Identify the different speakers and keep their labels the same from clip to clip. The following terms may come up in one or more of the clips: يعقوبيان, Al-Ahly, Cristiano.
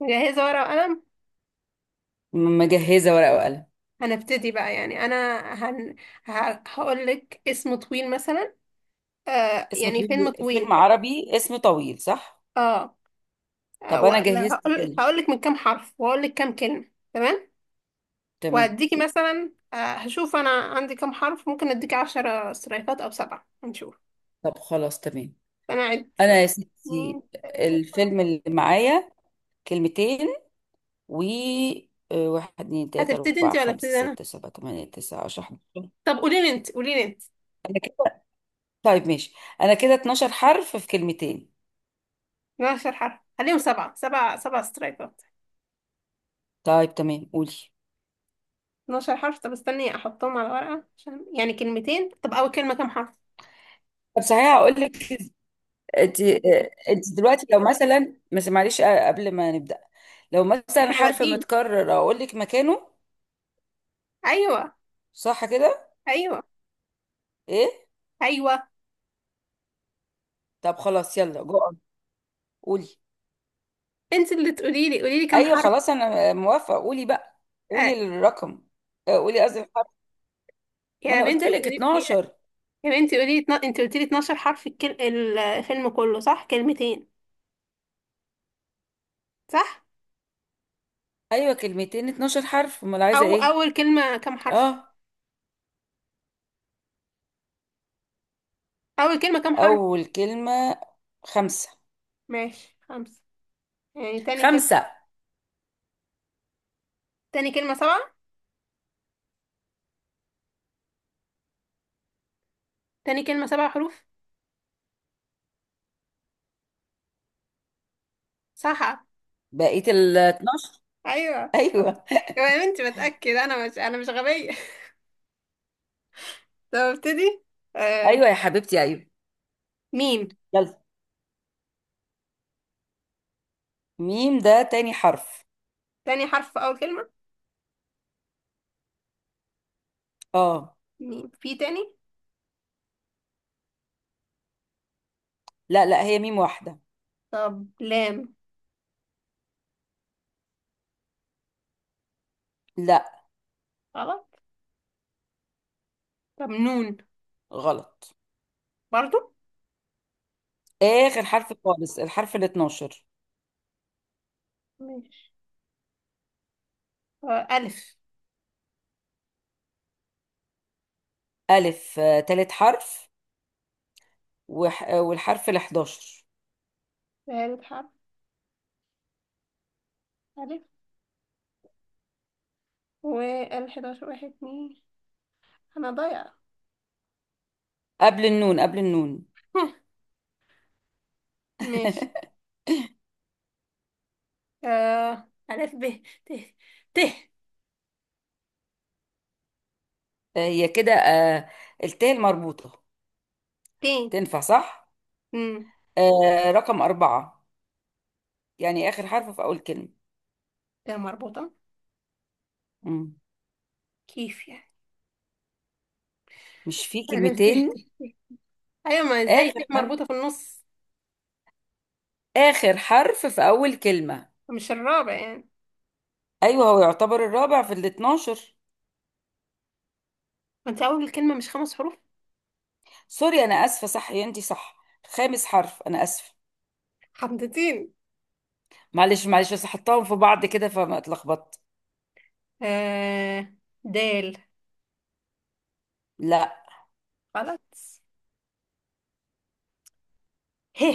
Speaker 1: مجهزة ورقة وقلم.
Speaker 2: مجهزة ورقة وقلم.
Speaker 1: هنبتدي بقى يعني أنا هن... ه... هقول لك اسم طويل مثلا،
Speaker 2: اسم
Speaker 1: يعني فيلم
Speaker 2: طويل،
Speaker 1: طويل.
Speaker 2: فيلم عربي اسم طويل صح.
Speaker 1: اه.
Speaker 2: طب أنا
Speaker 1: ولا
Speaker 2: جهزت
Speaker 1: هقول
Speaker 2: فيلم.
Speaker 1: هقول لك من كام حرف وهقول لك كام كلمة، تمام.
Speaker 2: تمام.
Speaker 1: وهديكي مثلا، هشوف أنا عندي كام حرف، ممكن أديكي عشرة سترايكات أو سبعة هنشوف.
Speaker 2: طب خلاص تمام.
Speaker 1: أنا أعد:
Speaker 2: أنا يا
Speaker 1: واحد
Speaker 2: ستي
Speaker 1: اتنين تلاتة أربعة.
Speaker 2: الفيلم اللي معايا كلمتين و واحد اتنين تلاتة
Speaker 1: هتبتدي
Speaker 2: أربعة
Speaker 1: أنت ولا
Speaker 2: خمسة
Speaker 1: أبتدي أنا؟
Speaker 2: ستة سبعة تمانية تسعة عشرة 11.
Speaker 1: طب قولي لي أنت، قولي لي أنت.
Speaker 2: أنا كده. طيب ماشي، أنا كده 12 حرف في كلمتين.
Speaker 1: من عشر حرف خليهم سبعة، سبعة سبعة سترايكات.
Speaker 2: طيب تمام قولي.
Speaker 1: 12 حرف؟ طب استني احطهم على ورقة عشان يعني كلمتين. طب اول كلمة كام حرف؟
Speaker 2: طب صحيح هقول لك. انت انت دلوقتي لو مثلا بس معلش، قبل ما نبدا لو مثلا
Speaker 1: احنا
Speaker 2: حرف
Speaker 1: بادئين.
Speaker 2: متكرر اقول لك مكانه،
Speaker 1: ايوه.
Speaker 2: صح كده؟
Speaker 1: ايوه.
Speaker 2: ايه.
Speaker 1: ايوه.
Speaker 2: طب خلاص يلا جو، قولي.
Speaker 1: انت اللي تقولي لي، قولي لي كام
Speaker 2: ايوه
Speaker 1: حرف.
Speaker 2: خلاص انا موافقه، قولي بقى. قولي
Speaker 1: آه.
Speaker 2: الرقم. اه، قولي قصدي الحرف. ما
Speaker 1: يا
Speaker 2: انا قلت
Speaker 1: بنتي
Speaker 2: لك
Speaker 1: قولي، يا
Speaker 2: 12.
Speaker 1: يا بنتي قولي لي انت قلتي لي 12 حرف، الفيلم كله صح، كلمتين، صح؟
Speaker 2: ايوه كلمتين 12 حرف، امال عايزه
Speaker 1: او
Speaker 2: ايه؟
Speaker 1: اول كلمة كام حرف؟
Speaker 2: اه.
Speaker 1: اول كلمة كام حرف؟
Speaker 2: اول كلمه خمسه.
Speaker 1: ماشي خمسة، يعني تاني كلمة.
Speaker 2: خمسه.
Speaker 1: تاني كلمة سبعة؟ تاني كلمة سبع حروف، صح.
Speaker 2: بقيه ال 12.
Speaker 1: ايوه.
Speaker 2: ايوه.
Speaker 1: يا بنتي بتأكد، انا مش غبية. طب ابتدي. آه.
Speaker 2: ايوه يا حبيبتي ايوه.
Speaker 1: ميم.
Speaker 2: يلا. ميم ده تاني حرف.
Speaker 1: تاني حرف في أول كلمة.
Speaker 2: اه.
Speaker 1: ميم في تاني.
Speaker 2: لا هي ميم واحدة.
Speaker 1: طب لام.
Speaker 2: لا.
Speaker 1: غلط. طب نون.
Speaker 2: غلط.
Speaker 1: برضو.
Speaker 2: آخر حرف خالص، الحرف ال 12.
Speaker 1: ماشي. ألف.
Speaker 2: ألف، تالت حرف. وح... آه، والحرف ال 11.
Speaker 1: ثالث حرف. ألف. والحداشر واحد اتنين. أنا ضايعة.
Speaker 2: قبل النون، قبل النون.
Speaker 1: ماشي. آه ألف ب ت. ت.
Speaker 2: هي كده، التاء المربوطة،
Speaker 1: ت
Speaker 2: تنفع صح؟
Speaker 1: مم.
Speaker 2: آه، رقم أربعة، يعني آخر حرف في أول كلمة.
Speaker 1: ت مربوطة؟
Speaker 2: مم.
Speaker 1: كيف يعني؟
Speaker 2: مش في
Speaker 1: ألف ب ت
Speaker 2: كلمتين.
Speaker 1: ت. أيوة، ما إزاي ت
Speaker 2: آخر حرف،
Speaker 1: مربوطة في النص؟
Speaker 2: آخر حرف في أول كلمة.
Speaker 1: مش الرابع يعني؟
Speaker 2: أيوه، هو يعتبر الرابع في ال 12.
Speaker 1: ما أنت أول الكلمة مش خمس حروف؟
Speaker 2: سوري أنا آسفة، صح يا أنت صح. خامس حرف، أنا آسفة.
Speaker 1: حمضتين.
Speaker 2: معلش معلش، بس حطاهم في بعض كده فما اتلخبطت.
Speaker 1: آه. دال.
Speaker 2: لا.
Speaker 1: غلط. ه.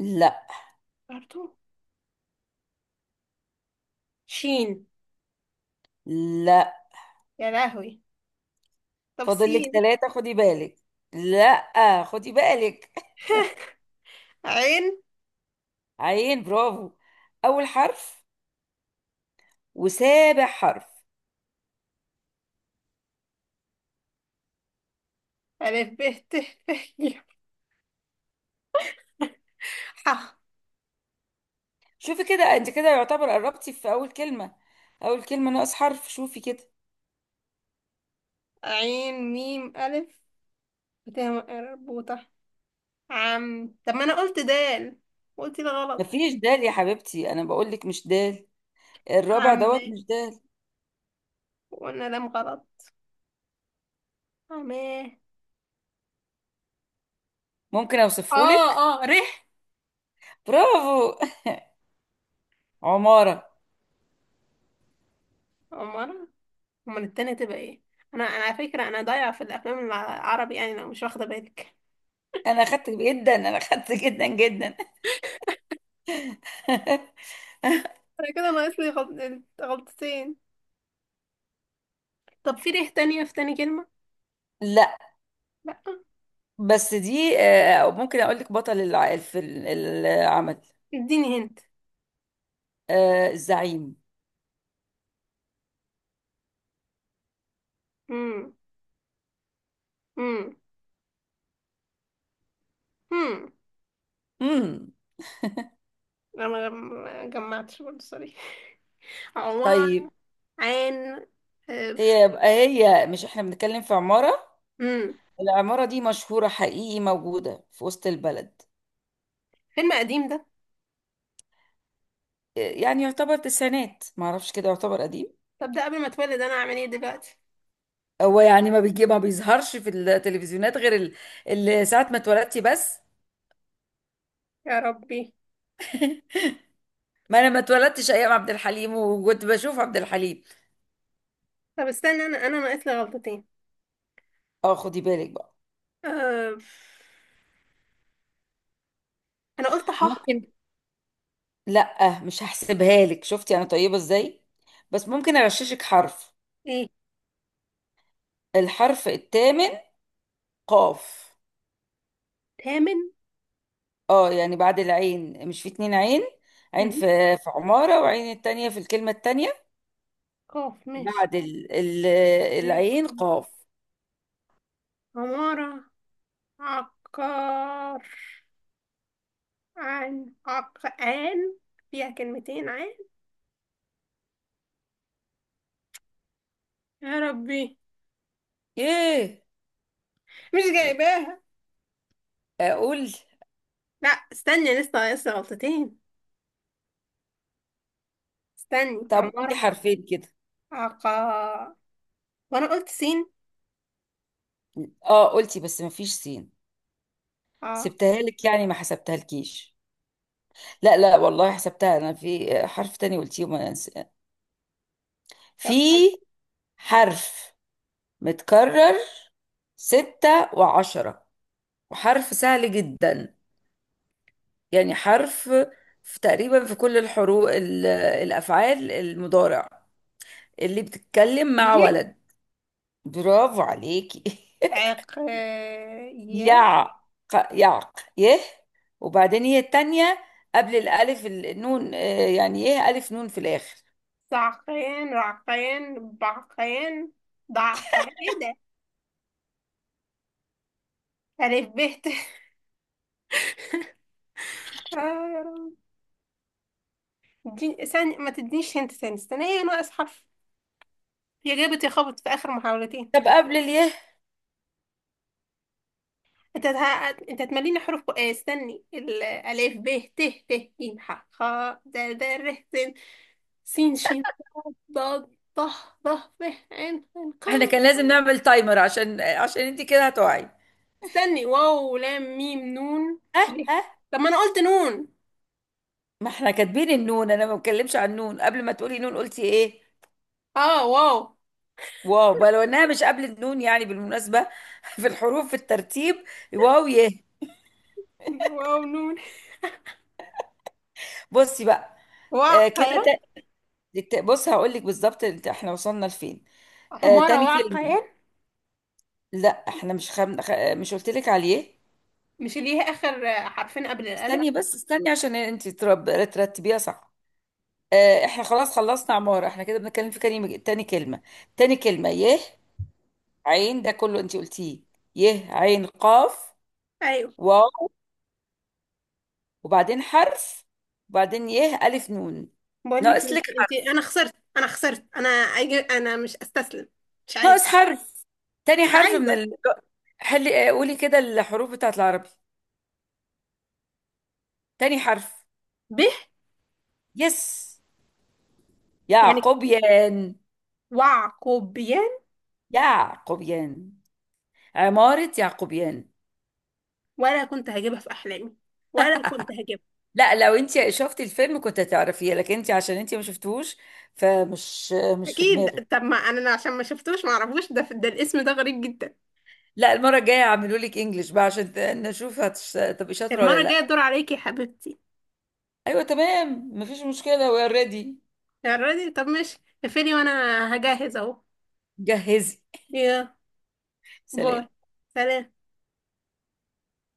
Speaker 2: لا.
Speaker 1: برضو. شين.
Speaker 2: لا.
Speaker 1: يا لهوي. طب
Speaker 2: فاضل لك
Speaker 1: سين.
Speaker 2: ثلاثة، خدي بالك. لا خدي بالك.
Speaker 1: عين.
Speaker 2: عين، برافو. أول حرف وسابع حرف.
Speaker 1: ألف ب ت ف ي ح.
Speaker 2: شوفي كده، انت كده يعتبر قربتي في أول كلمة. أول كلمة ناقص حرف، شوفي كده.
Speaker 1: عين ميم ألف ت مربوطة. عم، طب ما أنا قلت دال، قلت ده غلط.
Speaker 2: مفيش دال يا حبيبتي، أنا بقول لك مش دال. الرابع دوت
Speaker 1: عمات.
Speaker 2: مش دال.
Speaker 1: وقلنا لام غلط. عماه.
Speaker 2: ممكن
Speaker 1: اه.
Speaker 2: أوصفه لك.
Speaker 1: اه ريح.
Speaker 2: برافو. عمارة.
Speaker 1: أمال؟ أمال التانية تبقى ايه؟ أنا على فكرة أنا ضايعة في الأفلام العربي، يعني لو مش واخدة بالك.
Speaker 2: أنا أخدت جدا، أنا أخدت جدا جدا.
Speaker 1: أنا كده ناقص لي غلطتين. طب في ريح تانية في تاني كلمة؟
Speaker 2: لا.
Speaker 1: لأ.
Speaker 2: بس دي ممكن اقول لك بطل العمل.
Speaker 1: اديني.
Speaker 2: آه، الزعيم.
Speaker 1: هنت. امم امم
Speaker 2: امم.
Speaker 1: انا ما جمعتش برضه، سوري. عبارة
Speaker 2: طيب.
Speaker 1: عن.
Speaker 2: هي يبقى هي، مش احنا بنتكلم في عمارة؟
Speaker 1: امم
Speaker 2: العمارة دي مشهورة حقيقي، موجودة في وسط البلد.
Speaker 1: فيلم قديم ده؟
Speaker 2: آه، يعني يعتبر تسعينات، معرفش كده يعتبر قديم.
Speaker 1: طب ده قبل ما اتولد انا، اعمل ايه دلوقتي؟
Speaker 2: هو يعني ما بيجي، ما بيظهرش في التلفزيونات غير ساعة ما اتولدتي بس.
Speaker 1: يا ربي.
Speaker 2: ما انا ما اتولدتش ايام عبد الحليم وكنت بشوف عبد الحليم.
Speaker 1: طب استنى، انا ناقص لي غلطتين.
Speaker 2: اه خدي بالك بقى.
Speaker 1: أه... انا قلت ح.
Speaker 2: ممكن. لا مش هحسبها لك، شفتي انا طيبة ازاي. بس ممكن اغششك حرف.
Speaker 1: ايه؟
Speaker 2: الحرف الثامن، قاف.
Speaker 1: تامن؟
Speaker 2: اه يعني بعد العين، مش في اتنين عين؟ عين
Speaker 1: مهم.
Speaker 2: في، في عمارة، وعين التانية في الكلمة التانية.
Speaker 1: قاف مش
Speaker 2: بعد العين
Speaker 1: عقاب.
Speaker 2: قاف.
Speaker 1: عمارة عقار. عن عقان. فيها كلمتين عن. يا ربي
Speaker 2: ايه.
Speaker 1: مش جايباها.
Speaker 2: اقول.
Speaker 1: لا استني لسه ناقص لي غلطتين. استني
Speaker 2: طب
Speaker 1: عمر.
Speaker 2: قولي حرفين كده.
Speaker 1: عقا. وانا قلت سين.
Speaker 2: اه قلتي، بس مفيش سين.
Speaker 1: اه.
Speaker 2: سبتها لك، يعني ما حسبتها لكيش. لا والله حسبتها. انا في حرف تاني قلتيه في
Speaker 1: طب استني.
Speaker 2: حرف متكرر، ستة وعشرة، وحرف سهل جدا. يعني حرف في تقريبا في كل الحروف ال- آه، الأفعال المضارع اللي بتتكلم مع
Speaker 1: يه.
Speaker 2: ولد. برافو عليكي.
Speaker 1: عق يه.
Speaker 2: يعق يعق يه. وبعدين يه التانية، قبل الألف النون. آه، يعني يه ألف نون في الآخر.
Speaker 1: صعقين رعقين بعقين ضعقين، ايه ده؟ ألف ب ت. آه يا رب. استني ما تدينيش هنت تاني. استني ايه ناقص حرف؟ يا جابت يا خبط في آخر محاولتين.
Speaker 2: طب قبل اليه.
Speaker 1: انت ه... انت هتمليني حروف استني الألف ب ت ت ج ح خ د د ر س سين شين ضاد ضه ضه ف عين عين
Speaker 2: احنا
Speaker 1: قاف.
Speaker 2: كان لازم نعمل تايمر، عشان انت كده هتقعي.
Speaker 1: استني واو لام ميم نون يه. طب ما انا قلت نون.
Speaker 2: ما احنا كاتبين النون، انا ما بتكلمش عن النون. قبل ما تقولي نون قلتي ايه؟
Speaker 1: اه واو.
Speaker 2: واو. بقى لو انها مش قبل النون، يعني بالمناسبة. في الحروف في الترتيب. واو يه.
Speaker 1: واو نون.
Speaker 2: بصي بقى. آه
Speaker 1: وعقيان.
Speaker 2: كده. بص هقول لك بالظبط احنا وصلنا لفين. آه
Speaker 1: عمارة
Speaker 2: تاني
Speaker 1: وعقيان.
Speaker 2: كلمة. لا احنا مش مش قلت لك عليه.
Speaker 1: مش اللي هي اخر حرفين قبل الالف؟
Speaker 2: استني بس استني، عشان انت ترتبيها صح. آه، احنا خلاص خلصنا عمارة، احنا كده بنتكلم في كلمة، تاني كلمة. تاني كلمة يه، عين، ده كله انت قلتيه. يه عين قاف
Speaker 1: ايوه.
Speaker 2: واو، وبعدين حرف، وبعدين يه ألف نون.
Speaker 1: بقول لك
Speaker 2: ناقص
Speaker 1: انت
Speaker 2: لك
Speaker 1: انت،
Speaker 2: حرف.
Speaker 1: انا خسرت، انا مش استسلم. مش عايزه.
Speaker 2: ناقص حرف. تاني
Speaker 1: مش
Speaker 2: حرف من
Speaker 1: عايزه.
Speaker 2: حلي قولي كده الحروف بتاعت العربي. تاني حرف.
Speaker 1: به.
Speaker 2: يس.
Speaker 1: يعني.
Speaker 2: يعقوبيان.
Speaker 1: وعقوبيان.
Speaker 2: يعقوبيان. عمارة يعقوبيان.
Speaker 1: ولا كنت هجيبها في احلامي. ولا كنت هجيبها.
Speaker 2: لا لو انت شفتي الفيلم كنت هتعرفيه، لكن انت عشان انت ما شفتوهوش فمش مش في
Speaker 1: اكيد،
Speaker 2: دماغك.
Speaker 1: طب ما انا عشان ما شفتوش ما اعرفوش، ده الاسم ده غريب جدا.
Speaker 2: لا المرة الجاية هعملوا لك انجلش بقى عشان هتبقي شاطرة ولا
Speaker 1: المره الجايه
Speaker 2: لا.
Speaker 1: الدور عليكي يا حبيبتي.
Speaker 2: ايوه تمام مفيش مشكلة، وي ار ريدي.
Speaker 1: يا راجل طب ماشي. اقفلي وانا هجهز اهو.
Speaker 2: جهزي.
Speaker 1: يا.
Speaker 2: سلام.
Speaker 1: باي. سلام.